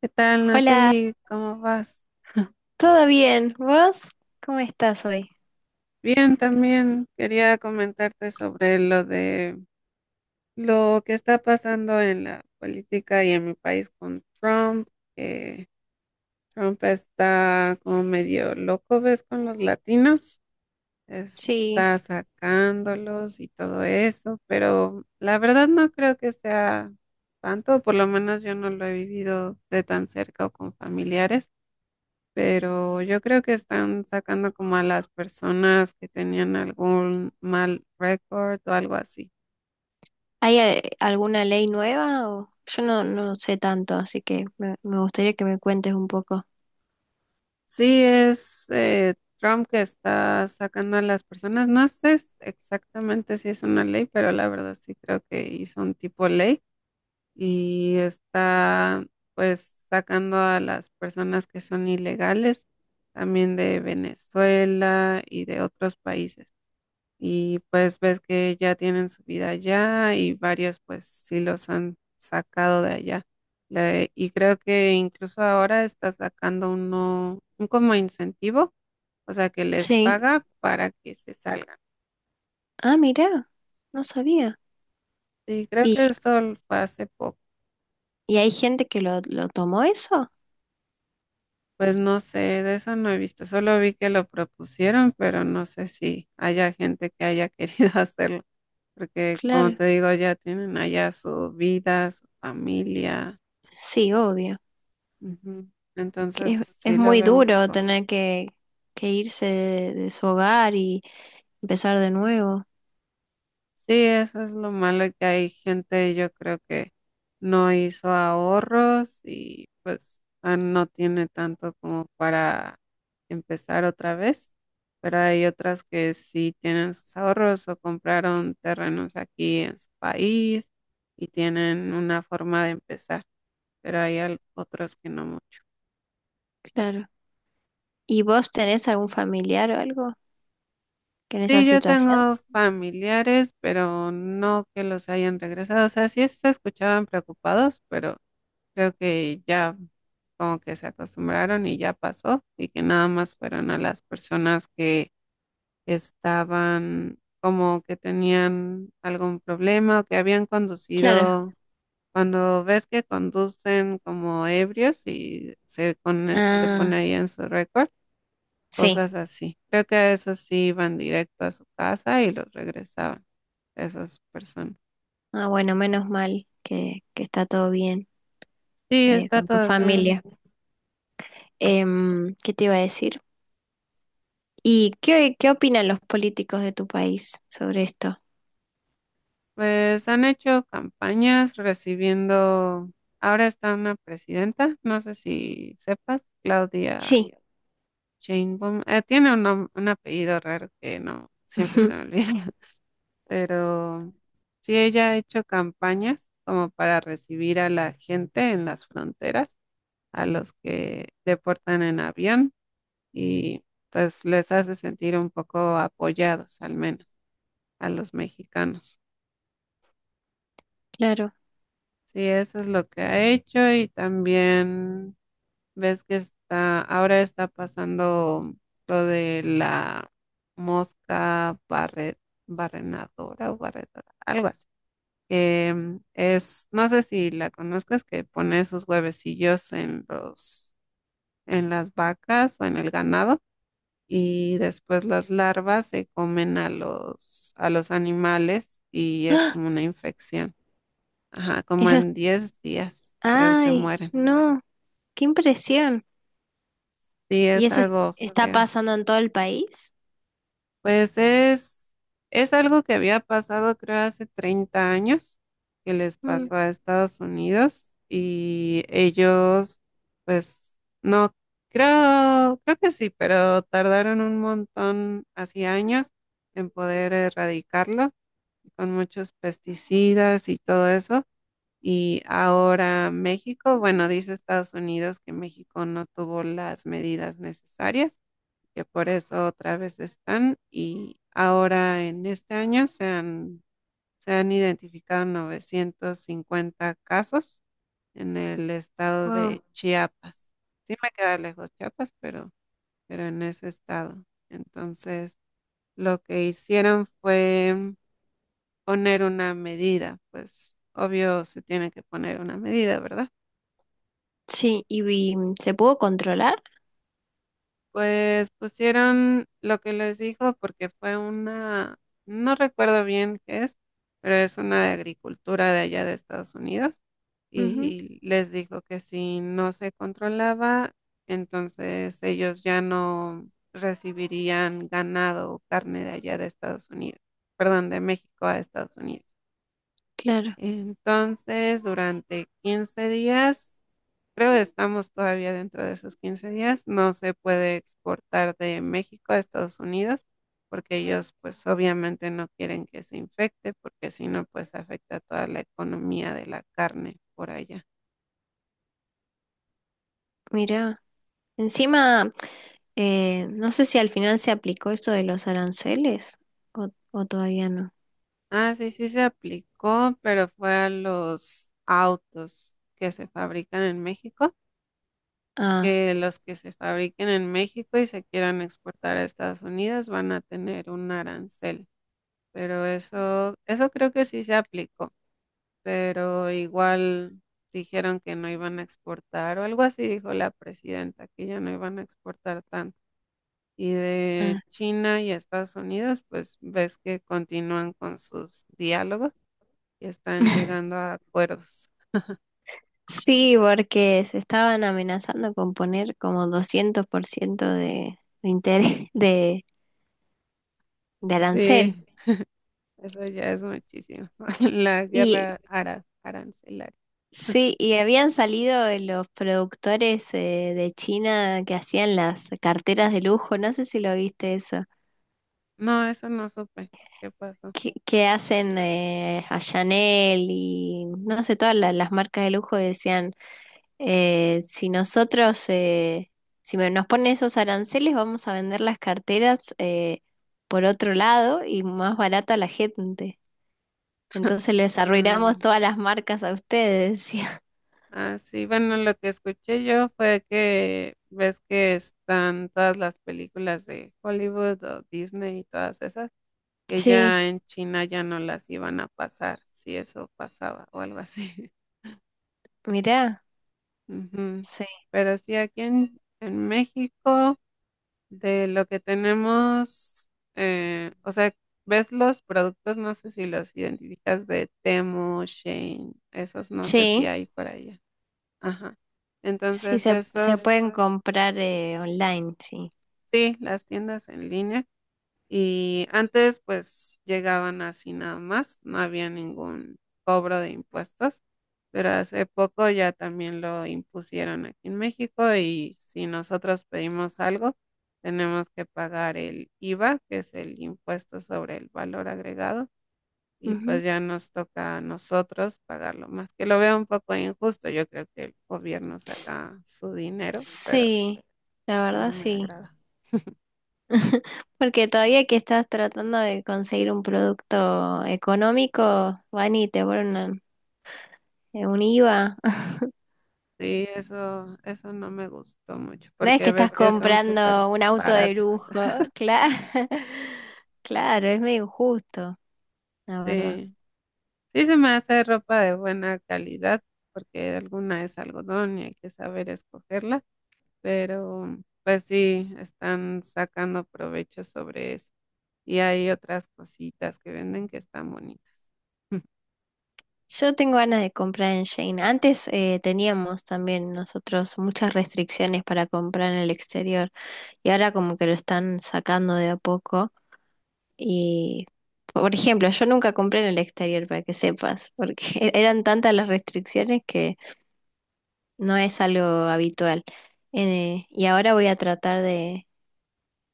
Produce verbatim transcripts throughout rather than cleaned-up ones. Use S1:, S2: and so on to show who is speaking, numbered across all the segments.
S1: ¿Qué tal,
S2: Hola,
S1: Natalie? ¿Cómo vas?
S2: ¿todo bien? ¿Vos? ¿Cómo estás hoy?
S1: Bien, también quería comentarte sobre lo de lo que está pasando en la política y en mi país con Trump, que Trump está como medio loco, ¿ves? Con los latinos,
S2: Sí,
S1: está sacándolos y todo eso, pero la verdad no creo que sea tanto, por lo menos yo no lo he vivido de tan cerca o con familiares. Pero yo creo que están sacando como a las personas que tenían algún mal récord o algo así.
S2: ¿hay a- alguna ley nueva? O... Yo no, no sé tanto, así que me, me gustaría que me cuentes un poco.
S1: Sí, es eh, Trump que está sacando a las personas. No sé s- exactamente si es una ley, pero la verdad sí creo que hizo un tipo ley y está pues sacando a las personas que son ilegales también de Venezuela y de otros países. Y pues ves que ya tienen su vida allá y varios pues sí los han sacado de allá. Le- y creo que incluso ahora está sacando uno, un como incentivo, o sea que les
S2: Sí.
S1: paga para que se salgan.
S2: Ah, mira, no sabía.
S1: Y creo
S2: ¿Y,
S1: que esto l- fue hace poco.
S2: y hay gente que lo, lo tomó eso?
S1: Pues no sé, de eso no he visto, solo vi que lo propusieron, pero no sé si haya gente que haya querido hacerlo, porque como
S2: Claro,
S1: te digo, ya tienen allá su vida, su familia.
S2: sí, obvio.
S1: Ujú.
S2: Que es,
S1: Entonces,
S2: es
S1: sí lo
S2: muy
S1: veo un
S2: duro
S1: poco.
S2: tener que, que irse de, de su hogar y empezar de nuevo.
S1: Sí, eso es lo malo que hay gente, yo creo que no hizo ahorros y pues ah, no tiene tanto como para empezar otra vez, pero hay otras que sí tienen sus ahorros o compraron terrenos aquí en su país y tienen una forma de empezar, pero hay al- otros que no mucho.
S2: Claro. ¿Y vos tenés algún familiar o algo que en esa
S1: Sí, yo
S2: situación?
S1: tengo familiares, pero no que los hayan regresado. O sea, sí se escuchaban preocupados, pero creo que ya como que se acostumbraron y ya pasó y que nada más fueron a las personas que estaban como que tenían algún problema o que habían
S2: Claro.
S1: conducido. Cuando ves que conducen como ebrios y se pone, se pone
S2: Ah.
S1: ahí en su récord
S2: Sí,
S1: cosas así. Creo que esos sí iban directo a su casa y los regresaban, esas personas.
S2: ah, bueno, menos mal que, que está todo bien
S1: Sí,
S2: eh,
S1: está
S2: con tu
S1: todo bien.
S2: familia. Em, ¿qué te iba a decir? ¿Y qué, qué opinan los políticos de tu país sobre esto?
S1: Pues han hecho campañas recibiendo, ahora está una presidenta, no sé si sepas, Claudia
S2: Sí,
S1: Sheinbaum. Eh, tiene un, nom- un apellido raro que no, siempre se me olvida, pero sí, ella ha hecho campañas como para recibir a la gente en las fronteras, a los que deportan en avión y pues les hace sentir un poco apoyados, al menos a los mexicanos.
S2: claro.
S1: Sí, eso es lo que ha hecho y también ves que está, ahora está pasando lo de la mosca barre- barrenadora o barredora, algo así. Que, mm, es, no sé si la conozcas, que pone sus huevecillos en los, en las vacas o en el ganado y después las larvas se comen a los, a los animales y es
S2: ¡Ah!
S1: como una infección. Ajá, como
S2: Eso
S1: en
S2: es...
S1: diez días, creo se
S2: ¡Ay!
S1: mueren.
S2: No, qué impresión.
S1: Sí,
S2: ¿Y
S1: es
S2: eso es-
S1: algo
S2: ¿está
S1: feo.
S2: pasando en todo el país?
S1: Pues es, es algo que había pasado, creo, hace treinta años, que les pasó a Estados Unidos y ellos, pues, no, creo, creo que sí, pero tardaron un montón, así años, en poder erradicarlo con muchos pesticidas y todo eso. Y ahora México, bueno, dice Estados Unidos que México no tuvo las medidas necesarias, que por eso otra vez están. Y ahora en este año se han, se han identificado novecientos cincuenta casos en el estado
S2: Wow.
S1: de Chiapas. Sí me queda lejos Chiapas, pero, pero en ese estado. Entonces, lo que hicieron fue poner una medida, pues obvio se tiene que poner una medida, ¿verdad?
S2: Sí, ¿y, y se pudo controlar?
S1: Pues pusieron lo que les dijo porque fue una, no recuerdo bien qué es, pero es una de agricultura de allá de Estados Unidos
S2: Ujú,
S1: y les dijo que si no se controlaba, entonces ellos ya no recibirían ganado o carne de allá de Estados Unidos, perdón, de México a Estados Unidos.
S2: claro,
S1: Entonces, durante quince días, creo que estamos todavía dentro de esos quince días, no se puede exportar de México a Estados Unidos porque ellos pues obviamente no quieren que se infecte porque si no pues afecta toda la economía de la carne por allá.
S2: mira. Encima, eh, no sé si al final se aplicó esto de los aranceles o, o todavía no.
S1: Ah, sí, sí se aplicó, pero fue a los autos que se fabrican en México,
S2: Ah,
S1: que los que se fabriquen en México y se quieran exportar a Estados Unidos van a tener un arancel. Pero eso, eso creo que sí se aplicó, pero igual dijeron que no iban a exportar o algo así dijo la presidenta, que ya no iban a exportar tanto. Y de
S2: ah.
S1: China y Estados Unidos, pues ves que continúan con sus diálogos y están llegando a acuerdos.
S2: Sí, porque se estaban amenazando con poner como doscientos por ciento de, de interés de, de arancel.
S1: Sí, eso ya es muchísimo. La
S2: Y
S1: guerra ara arancelaria.
S2: sí, y habían salido de los productores eh, de China que hacían las carteras de lujo, no sé si lo viste eso.
S1: No, eso no supe. ¿Qué pasó?
S2: Que, que hacen eh, a Chanel y no sé, todas la- las marcas de lujo decían, eh, si nosotros, eh, si me- nos ponen esos aranceles, vamos a vender las carteras eh, por otro lado y más barato a la gente. Entonces les
S1: Ah,
S2: arruinamos todas las marcas a ustedes, decía.
S1: Ah, sí, bueno, lo que escuché yo fue que ves que están todas las películas de Hollywood o Disney y todas esas, que
S2: Sí,
S1: ya en China ya no las iban a pasar, si eso pasaba o algo así.
S2: mirá,
S1: Ujú.
S2: sí.
S1: Pero sí, aquí en, en México, de lo que tenemos, eh, o sea, ves los productos, no sé si los identificas de Temu, Shein, esos no sé si
S2: Sí,
S1: hay por allá. Ajá.
S2: sí,
S1: Entonces,
S2: se, se
S1: esos.
S2: pueden comprar eh, online, sí.
S1: Sí, las tiendas en línea. Y antes pues llegaban así nada más, no había ningún cobro de impuestos, pero hace poco ya también lo impusieron aquí en México y si nosotros pedimos algo, tenemos que pagar el IVA, que es el impuesto sobre el valor agregado, y
S2: Ujú.
S1: pues ya nos toca a nosotros pagarlo más, que lo veo un poco injusto, yo creo que el gobierno saca su dinero, pero
S2: Sí, la verdad
S1: no me
S2: sí.
S1: agrada.
S2: Porque todavía que estás tratando de conseguir un producto económico, van y te ponen una- eh, un IVA.
S1: Sí, eso, eso no me gustó mucho,
S2: No es que
S1: porque
S2: estás
S1: ves que son súper
S2: comprando un auto de
S1: baratas.
S2: lujo, claro. Claro, es medio injusto, la verdad.
S1: Sí, sí se me hace ropa de buena calidad, porque alguna es algodón y hay que saber escogerla, pero pues sí, están sacando provecho sobre eso. Y hay otras cositas que venden que están bonitas.
S2: Yo tengo ganas de comprar en Shane. Antes eh, teníamos también nosotros muchas restricciones para comprar en el exterior y ahora como que lo están sacando de a poco. Y, por ejemplo, yo nunca compré en el exterior, para que sepas, porque eran tantas las restricciones que no es algo habitual. Eh, y ahora voy a tratar de,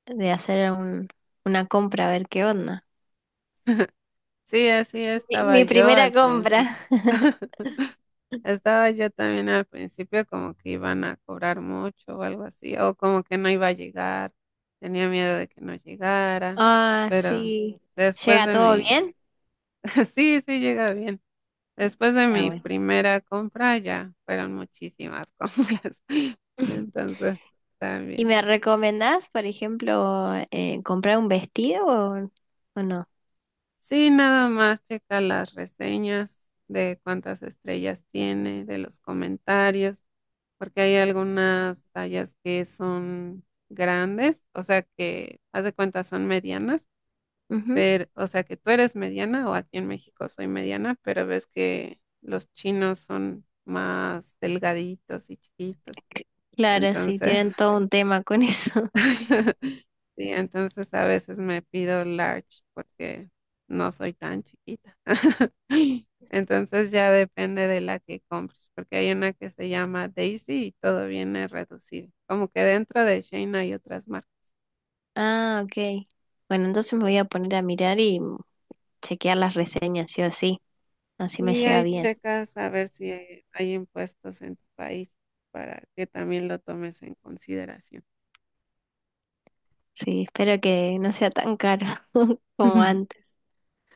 S2: de hacer un- una compra, a ver qué onda.
S1: Sí, así
S2: Mi, mi
S1: estaba yo
S2: primera
S1: al
S2: compra.
S1: principio. Estaba yo también al principio como que iban a cobrar mucho o algo así, o como que no iba a llegar, tenía miedo de que no llegara,
S2: Ah,
S1: pero
S2: sí.
S1: después
S2: ¿Llega
S1: de
S2: todo
S1: mi,
S2: bien?
S1: sí, sí llega bien, después de
S2: Ah,
S1: mi
S2: bueno.
S1: primera compra ya fueron muchísimas compras, entonces
S2: ¿Y
S1: también.
S2: me recomendás, por ejemplo, eh, comprar un vestido o, o no?
S1: Sí, nada más checa las reseñas de cuántas estrellas tiene, de los comentarios, porque hay algunas tallas que son grandes, o sea que, haz de cuenta, son medianas,
S2: Ujú.
S1: pero, o sea que tú eres mediana o aquí en México soy mediana, pero ves que los chinos son más delgaditos y chiquitos.
S2: C- Claro, sí,
S1: Entonces,
S2: tienen todo un tema con eso.
S1: sí, entonces a veces me pido large porque no soy tan chiquita. Entonces ya depende de la que compres, porque hay una que se llama Daisy y todo viene reducido. Como que dentro de Shein hay otras marcas.
S2: Ah, ok. Bueno, entonces me voy a poner a mirar y chequear las reseñas, sí o sí. Así me
S1: Y
S2: llega
S1: ahí
S2: bien.
S1: checas a ver si hay hay impuestos en tu país para que también lo tomes en consideración.
S2: Sí, espero que no sea tan caro como antes.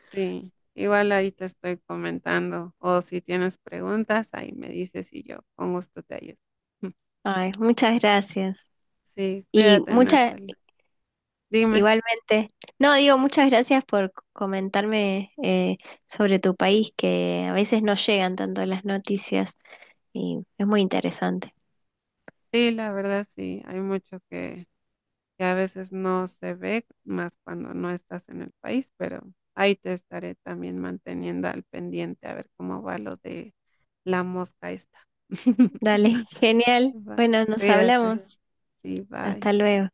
S1: Sí, igual ahí te estoy comentando o si tienes preguntas, ahí me dices y yo con gusto te ayudo.
S2: Ay, muchas gracias.
S1: Sí,
S2: Y
S1: cuídate,
S2: muchas,
S1: Natalie. Dime,
S2: igualmente. No, digo, muchas gracias por c- comentarme eh, sobre tu país, que a veces no llegan tanto las noticias y es muy interesante.
S1: sí, la verdad sí, hay mucho que, que a veces no se ve más cuando no estás en el país, pero ahí te estaré también manteniendo al pendiente a ver cómo va lo de la mosca esta.
S2: Dale, genial.
S1: Va,
S2: Bueno, nos
S1: cuídate,
S2: hablamos.
S1: sí, bye.
S2: Hasta luego.